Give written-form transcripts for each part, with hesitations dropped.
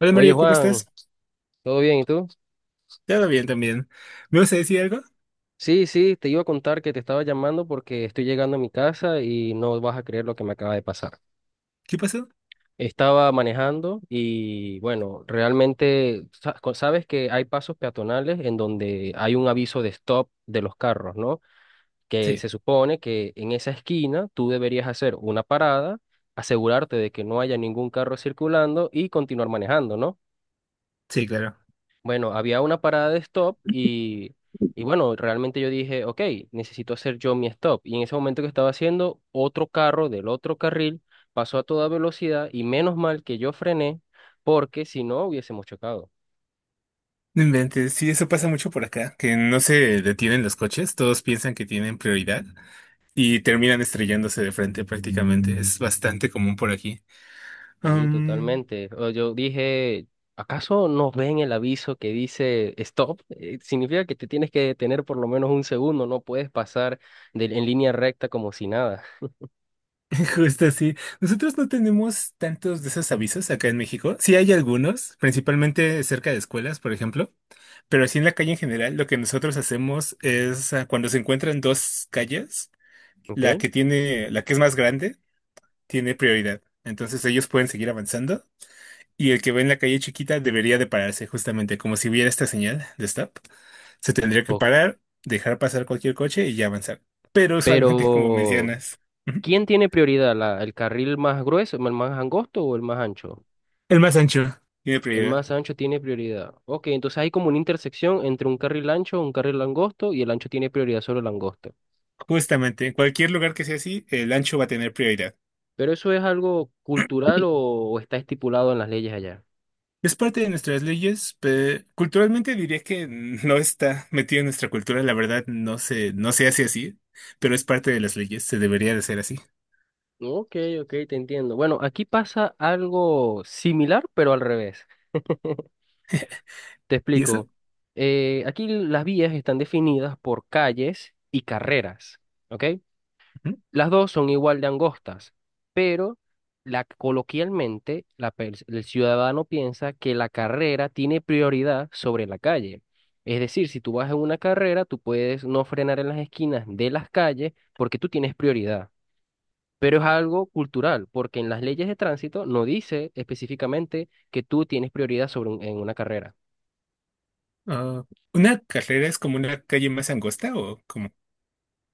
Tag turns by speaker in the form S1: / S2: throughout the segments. S1: Hola
S2: Oye
S1: Mario, ¿cómo
S2: Juan,
S1: estás?
S2: ¿todo bien? ¿Y tú?
S1: Todo bien también. ¿Me vas a decir algo?
S2: Sí, sí, te iba a contar que te estaba llamando porque estoy llegando a mi casa y no vas a creer lo que me acaba de pasar.
S1: ¿Qué pasó?
S2: Estaba manejando y bueno, realmente sabes que hay pasos peatonales en donde hay un aviso de stop de los carros, ¿no? Que
S1: Sí,
S2: se supone que en esa esquina tú deberías hacer una parada, asegurarte de que no haya ningún carro circulando y continuar manejando, ¿no?
S1: sí, claro.
S2: Bueno, había una parada de stop y bueno, realmente yo dije, ok, necesito hacer yo mi stop. Y en ese momento que estaba haciendo, otro carro del otro carril pasó a toda velocidad y menos mal que yo frené porque si no hubiésemos chocado.
S1: No inventes, sí, eso pasa mucho por acá, que no se detienen los coches, todos piensan que tienen prioridad y terminan estrellándose de frente prácticamente. Es bastante común por aquí.
S2: Sí,
S1: Am,
S2: totalmente. O Yo dije, ¿acaso no ven el aviso que dice stop? Significa que te tienes que detener por lo menos un segundo, no puedes pasar en línea recta como si nada.
S1: justo así. Nosotros no tenemos tantos de esos avisos acá en México. Sí hay algunos, principalmente cerca de escuelas, por ejemplo, pero así en la calle en general, lo que nosotros hacemos es cuando se encuentran dos calles. La
S2: ¿Ok?
S1: que tiene, la que es más grande, tiene prioridad. Entonces ellos pueden seguir avanzando y el que ve en la calle chiquita debería de pararse justamente como si viera esta señal de stop. Se tendría que
S2: O-
S1: parar, dejar pasar cualquier coche y ya avanzar. Pero usualmente, como
S2: Pero
S1: mencionas, ujú,
S2: ¿quién tiene prioridad? ¿El carril más grueso, el más angosto o el más ancho?
S1: el más ancho tiene
S2: El
S1: prioridad.
S2: más ancho tiene prioridad. Ok, entonces hay como una intersección entre un carril ancho, un carril angosto y el ancho tiene prioridad sobre el angosto.
S1: Justamente, en cualquier lugar que sea así, el ancho va a tener prioridad.
S2: ¿Pero eso es algo cultural o está estipulado en las leyes allá?
S1: Es parte de nuestras leyes, pero culturalmente diría que no está metido en nuestra cultura, la verdad no se, no se hace así, pero es parte de las leyes, se debería de hacer así.
S2: Ok, ok, te entiendo. Bueno, aquí pasa algo similar, pero al revés. Te
S1: ¿Y eso?
S2: explico. Aquí las vías están definidas por calles y carreras, ¿ok?
S1: Ujú.
S2: Las dos son igual de angostas, pero coloquialmente el ciudadano piensa que la carrera tiene prioridad sobre la calle. Es decir, si tú vas en una carrera, tú puedes no frenar en las esquinas de las calles porque tú tienes prioridad. Pero es algo cultural, porque en las leyes de tránsito no dice específicamente que tú tienes prioridad sobre en una carrera.
S1: Ah, ¿una carrera es como una calle más angosta o como,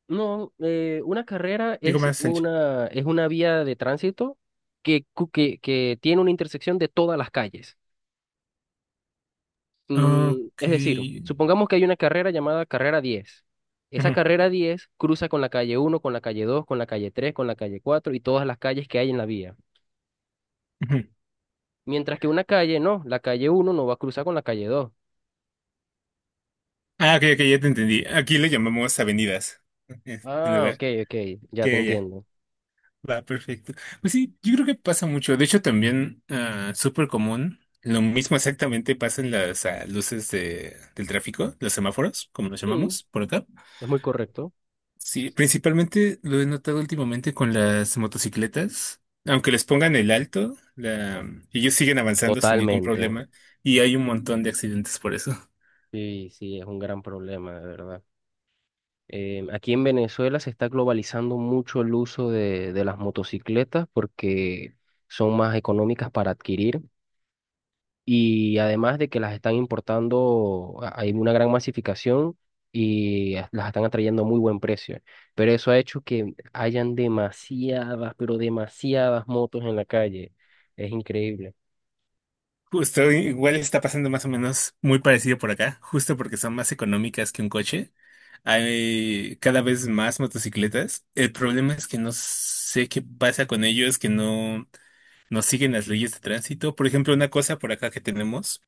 S2: No, una carrera
S1: digo,
S2: es
S1: más ancha?
S2: una, es una vía de tránsito que tiene una intersección de todas las calles. Mm,
S1: Ok.
S2: es decir, supongamos que hay una carrera llamada carrera 10. Esa
S1: Ujú,
S2: carrera 10 cruza con la calle uno, con la calle dos, con la calle tres, con la calle 4 y todas las calles que hay en la vía.
S1: ujú.
S2: Mientras que una calle no, la calle uno no va a cruzar con la calle dos.
S1: Ah, ok, ok, ya te entendí. Aquí le llamamos avenidas, en
S2: Ah, ok,
S1: lugar.
S2: ok, ya
S1: Ya,
S2: te
S1: ya, ya.
S2: entiendo.
S1: Va, perfecto. Pues sí, yo creo que pasa mucho. De hecho, también súper común. Lo mismo exactamente pasa en las luces de, del tráfico, los semáforos, como los
S2: Sí,
S1: llamamos por acá.
S2: es muy correcto.
S1: Sí, principalmente lo he notado últimamente con las motocicletas. Aunque les pongan el alto, ellos siguen avanzando sin ningún
S2: Totalmente.
S1: problema y hay un montón de accidentes por eso.
S2: Sí, sí, es un gran problema, de verdad. Aquí en Venezuela se está globalizando mucho el uso de las motocicletas porque son más económicas para adquirir y además de que las están importando, hay una gran masificación y las están atrayendo a muy buen precio. Pero eso ha hecho que hayan demasiadas, pero demasiadas motos en la calle. Es increíble.
S1: Justo, igual está pasando más o menos muy parecido por acá, justo porque son más económicas que un coche. Hay cada vez más motocicletas. El problema es que no sé qué pasa con ellos, que no, no siguen las leyes de tránsito. Por ejemplo, una cosa por acá que tenemos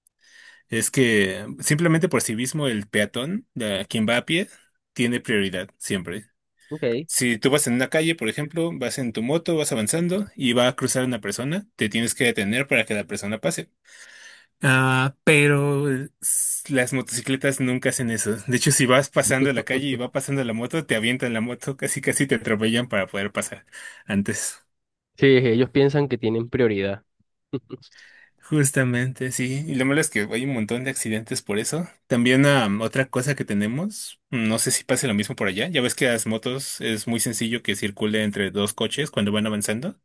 S1: es que simplemente por sí mismo el peatón, quien va a pie, tiene prioridad siempre.
S2: Ok.
S1: Si tú vas en una calle, por ejemplo, vas en tu moto, vas avanzando y va a cruzar una persona, te tienes que detener para que la persona pase. Ah, pero las motocicletas nunca hacen eso. De hecho, si vas pasando la calle y va pasando la moto, te avientan la moto, casi casi te atropellan para poder pasar antes.
S2: Sí, ellos piensan que tienen prioridad.
S1: Justamente, sí. Y lo malo es que hay un montón de accidentes por eso. También otra cosa que tenemos, no sé si pase lo mismo por allá. Ya ves que las motos es muy sencillo que circule entre dos coches cuando van avanzando.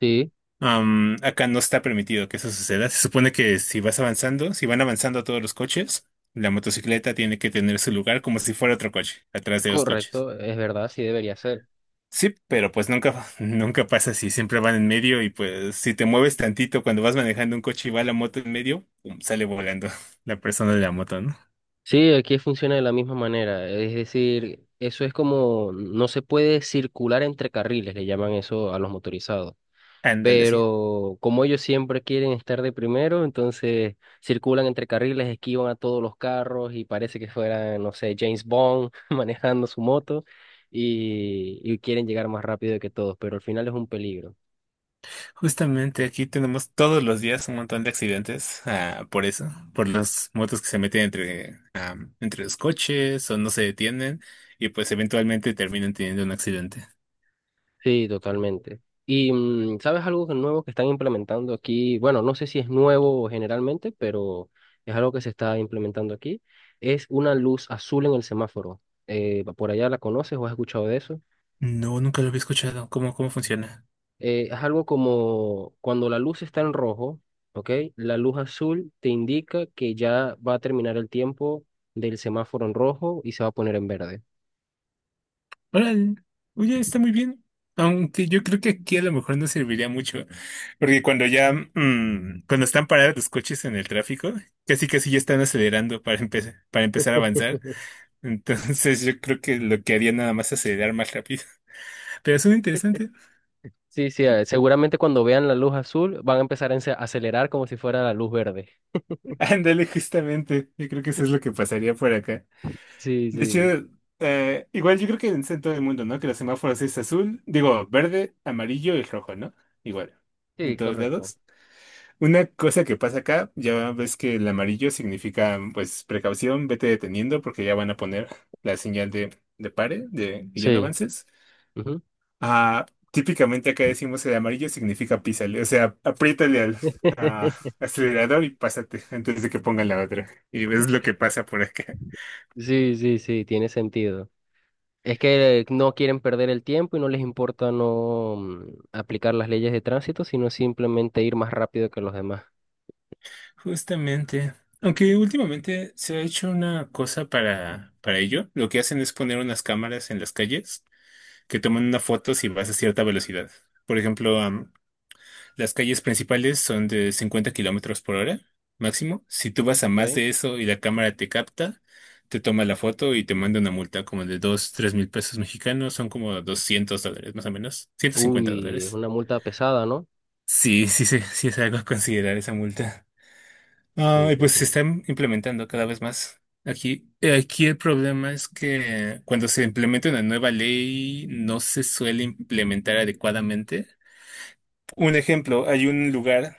S2: Sí,
S1: Acá no está permitido que eso suceda. Se supone que si vas avanzando, si van avanzando todos los coches, la motocicleta tiene que tener su lugar como si fuera otro coche, atrás de los coches.
S2: correcto, es verdad, sí debería ser.
S1: Sí, pero pues nunca, nunca pasa así, siempre van en medio y pues si te mueves tantito cuando vas manejando un coche y va la moto en medio, pum, sale volando la persona de la moto, ¿no?
S2: Sí, aquí funciona de la misma manera. Es decir, eso es como, no se puede circular entre carriles, le llaman eso a los motorizados.
S1: Ándale, sí.
S2: Pero como ellos siempre quieren estar de primero, entonces circulan entre carriles, esquivan a todos los carros y parece que fuera, no sé, James Bond manejando su moto y quieren llegar más rápido que todos, pero al final es un peligro.
S1: Justamente aquí tenemos todos los días un montón de accidentes, por eso, por las motos que se meten entre, entre los coches o no se detienen y pues eventualmente terminan teniendo un accidente.
S2: Sí, totalmente. Y ¿sabes algo nuevo que están implementando aquí? Bueno, no sé si es nuevo generalmente, pero es algo que se está implementando aquí. Es una luz azul en el semáforo. ¿Por allá la conoces o has escuchado de eso?
S1: No, nunca lo había escuchado. ¿Cómo, cómo funciona?
S2: Es algo como cuando la luz está en rojo, ¿ok? La luz azul te indica que ya va a terminar el tiempo del semáforo en rojo y se va a poner en verde.
S1: Órale. Oye, está muy bien. Aunque yo creo que aquí a lo mejor no serviría mucho. Porque cuando ya, cuando están parados los coches en el tráfico, casi casi ya están acelerando para empezar a avanzar. Entonces yo creo que lo que haría nada más es acelerar más rápido. Pero es muy interesante.
S2: Sí, sí, seguramente cuando vean la luz azul van a empezar a acelerar como si fuera la luz verde.
S1: Ándale, justamente. Yo creo que eso es lo que pasaría por acá.
S2: Sí,
S1: De hecho,
S2: sí,
S1: igual yo creo que en todo el mundo, ¿no? Que los semáforos es azul, digo, verde, amarillo y rojo, ¿no? Igual, en
S2: sí,
S1: todos
S2: correcto.
S1: lados. Una cosa que pasa acá, ya ves que el amarillo significa, pues, precaución, vete deteniendo porque ya van a poner la señal de pare, de que ya no
S2: Sí.
S1: avances.
S2: Ujú.
S1: Ah, típicamente acá decimos el amarillo significa písale, o sea, apriétale al ah, acelerador y pásate antes de que pongan la otra. Y ves lo que pasa por acá.
S2: Sí, sí, sí, tiene sentido. Es que no quieren perder el tiempo y no les importa no aplicar las leyes de tránsito, sino simplemente ir más rápido que los demás.
S1: Justamente. Aunque últimamente se ha hecho una cosa para ello. Lo que hacen es poner unas cámaras en las calles que toman una foto si vas a cierta velocidad. Por ejemplo, las calles principales son de 50 kilómetros por hora máximo. Si tú vas a más
S2: Ok.
S1: de eso y la cámara te capta, te toma la foto y te manda una multa como de 2, 3000 pesos mexicanos. Son como 200 dólares más o menos. ciento cincuenta
S2: Uy, es
S1: dólares.
S2: una multa pesada, ¿no?
S1: Sí, sí, sí, sí es algo a considerar esa multa. Ah,
S2: Sí,
S1: y
S2: te
S1: pues se
S2: entiendo.
S1: está im- implementando cada vez más. Aquí, aquí el problema es que cuando se implementa una nueva ley no se suele implementar adecuadamente. Un ejemplo, hay un lugar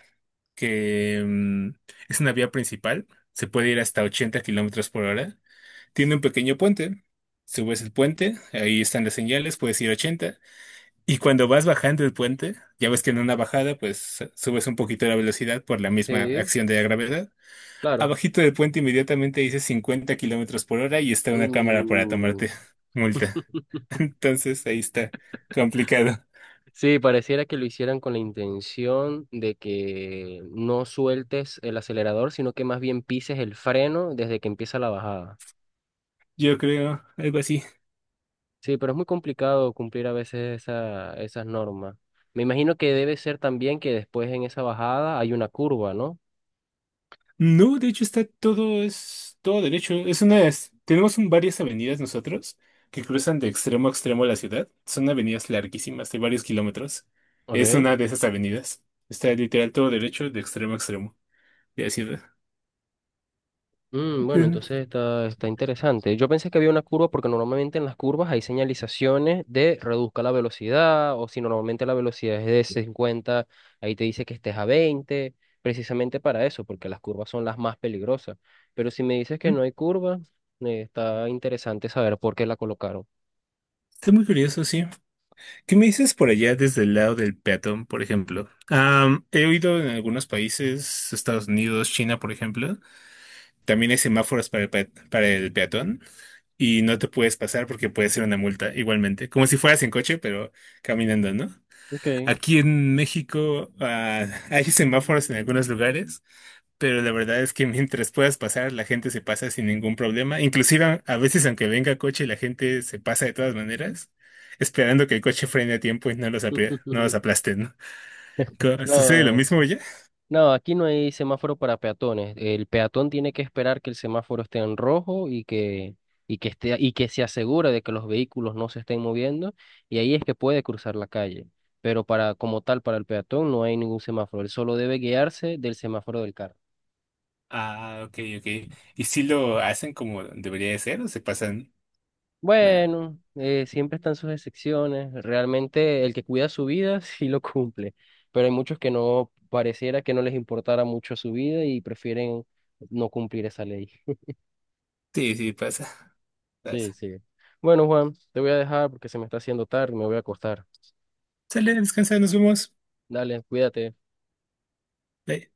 S1: que es una vía principal, se puede ir hasta 80 kilómetros por hora, tiene un pequeño puente, subes el puente, ahí están las señales, puedes ir 80, y cuando vas bajando el puente, ya ves que en una bajada, pues subes un poquito la velocidad por la misma
S2: Sí,
S1: acción de la gravedad,
S2: claro.
S1: abajito del puente inmediatamente dice 50 kilómetros por hora y está una cámara para
S2: Uh.
S1: tomarte multa. Entonces ahí está complicado.
S2: Sí, pareciera que lo hicieran con la intención de que no sueltes el acelerador, sino que más bien pises el freno desde que empieza la bajada.
S1: Yo creo algo así.
S2: Sí, pero es muy complicado cumplir a veces esas normas. Me imagino que debe ser también que después en esa bajada hay una curva, ¿no?
S1: No, de hecho está todo, es todo derecho. Es una, tenemos varias avenidas nosotros que cruzan de extremo a extremo la ciudad. Son avenidas larguísimas, de varios kilómetros.
S2: Ok.
S1: Es una de esas avenidas. Está literal todo derecho de extremo a extremo de la ciudad.
S2: Bueno,
S1: Pero,
S2: entonces está interesante. Yo pensé que había una curva porque normalmente en las curvas hay señalizaciones de reduzca la velocidad o si normalmente la velocidad es de 50, ahí te dice que estés a 20, precisamente para eso, porque las curvas son las más peligrosas. Pero si me dices que
S1: mm,
S2: no hay curva, está interesante saber por qué la colocaron.
S1: está muy curioso, sí. ¿Qué me dices por allá desde el lado del peatón, por ejemplo? He oído en algunos países, Estados Unidos, China, por ejemplo, también hay semáforos para el, para el peatón y no te puedes pasar porque puede ser una multa igualmente, como si fueras en coche, pero caminando, ¿no?
S2: Ok.
S1: Aquí en México, ah, hay semáforos en algunos lugares, pero la verdad es que mientras puedas pasar, la gente se pasa sin ningún problema. Inclusive a veces aunque venga coche, la gente se pasa de todas maneras, esperando que el coche frene a tiempo y no los, no los aplasten, ¿no? Co- ¿Sucede lo
S2: No,
S1: mismo ya?
S2: no, aquí no hay semáforo para peatones. El peatón tiene que esperar que el semáforo esté en rojo y que se asegure de que los vehículos no se estén moviendo, y ahí es que puede cruzar la calle. Pero para, como tal, para el peatón no hay ningún semáforo. Él solo debe guiarse del semáforo del carro.
S1: Ah, ok, ok. ¿Y si lo hacen como debería de ser o se pasan? Nah.
S2: Bueno, siempre están sus excepciones. Realmente el que cuida su vida sí lo cumple, pero hay muchos que no pareciera que no les importara mucho su vida y prefieren no cumplir esa ley.
S1: Sí, sí, pasa,
S2: Sí,
S1: pasa.
S2: sí. Bueno, Juan, te voy a dejar porque se me está haciendo tarde, me voy a acostar.
S1: Sale, descansa, nos vemos.
S2: Dale, cuídate.
S1: Bye.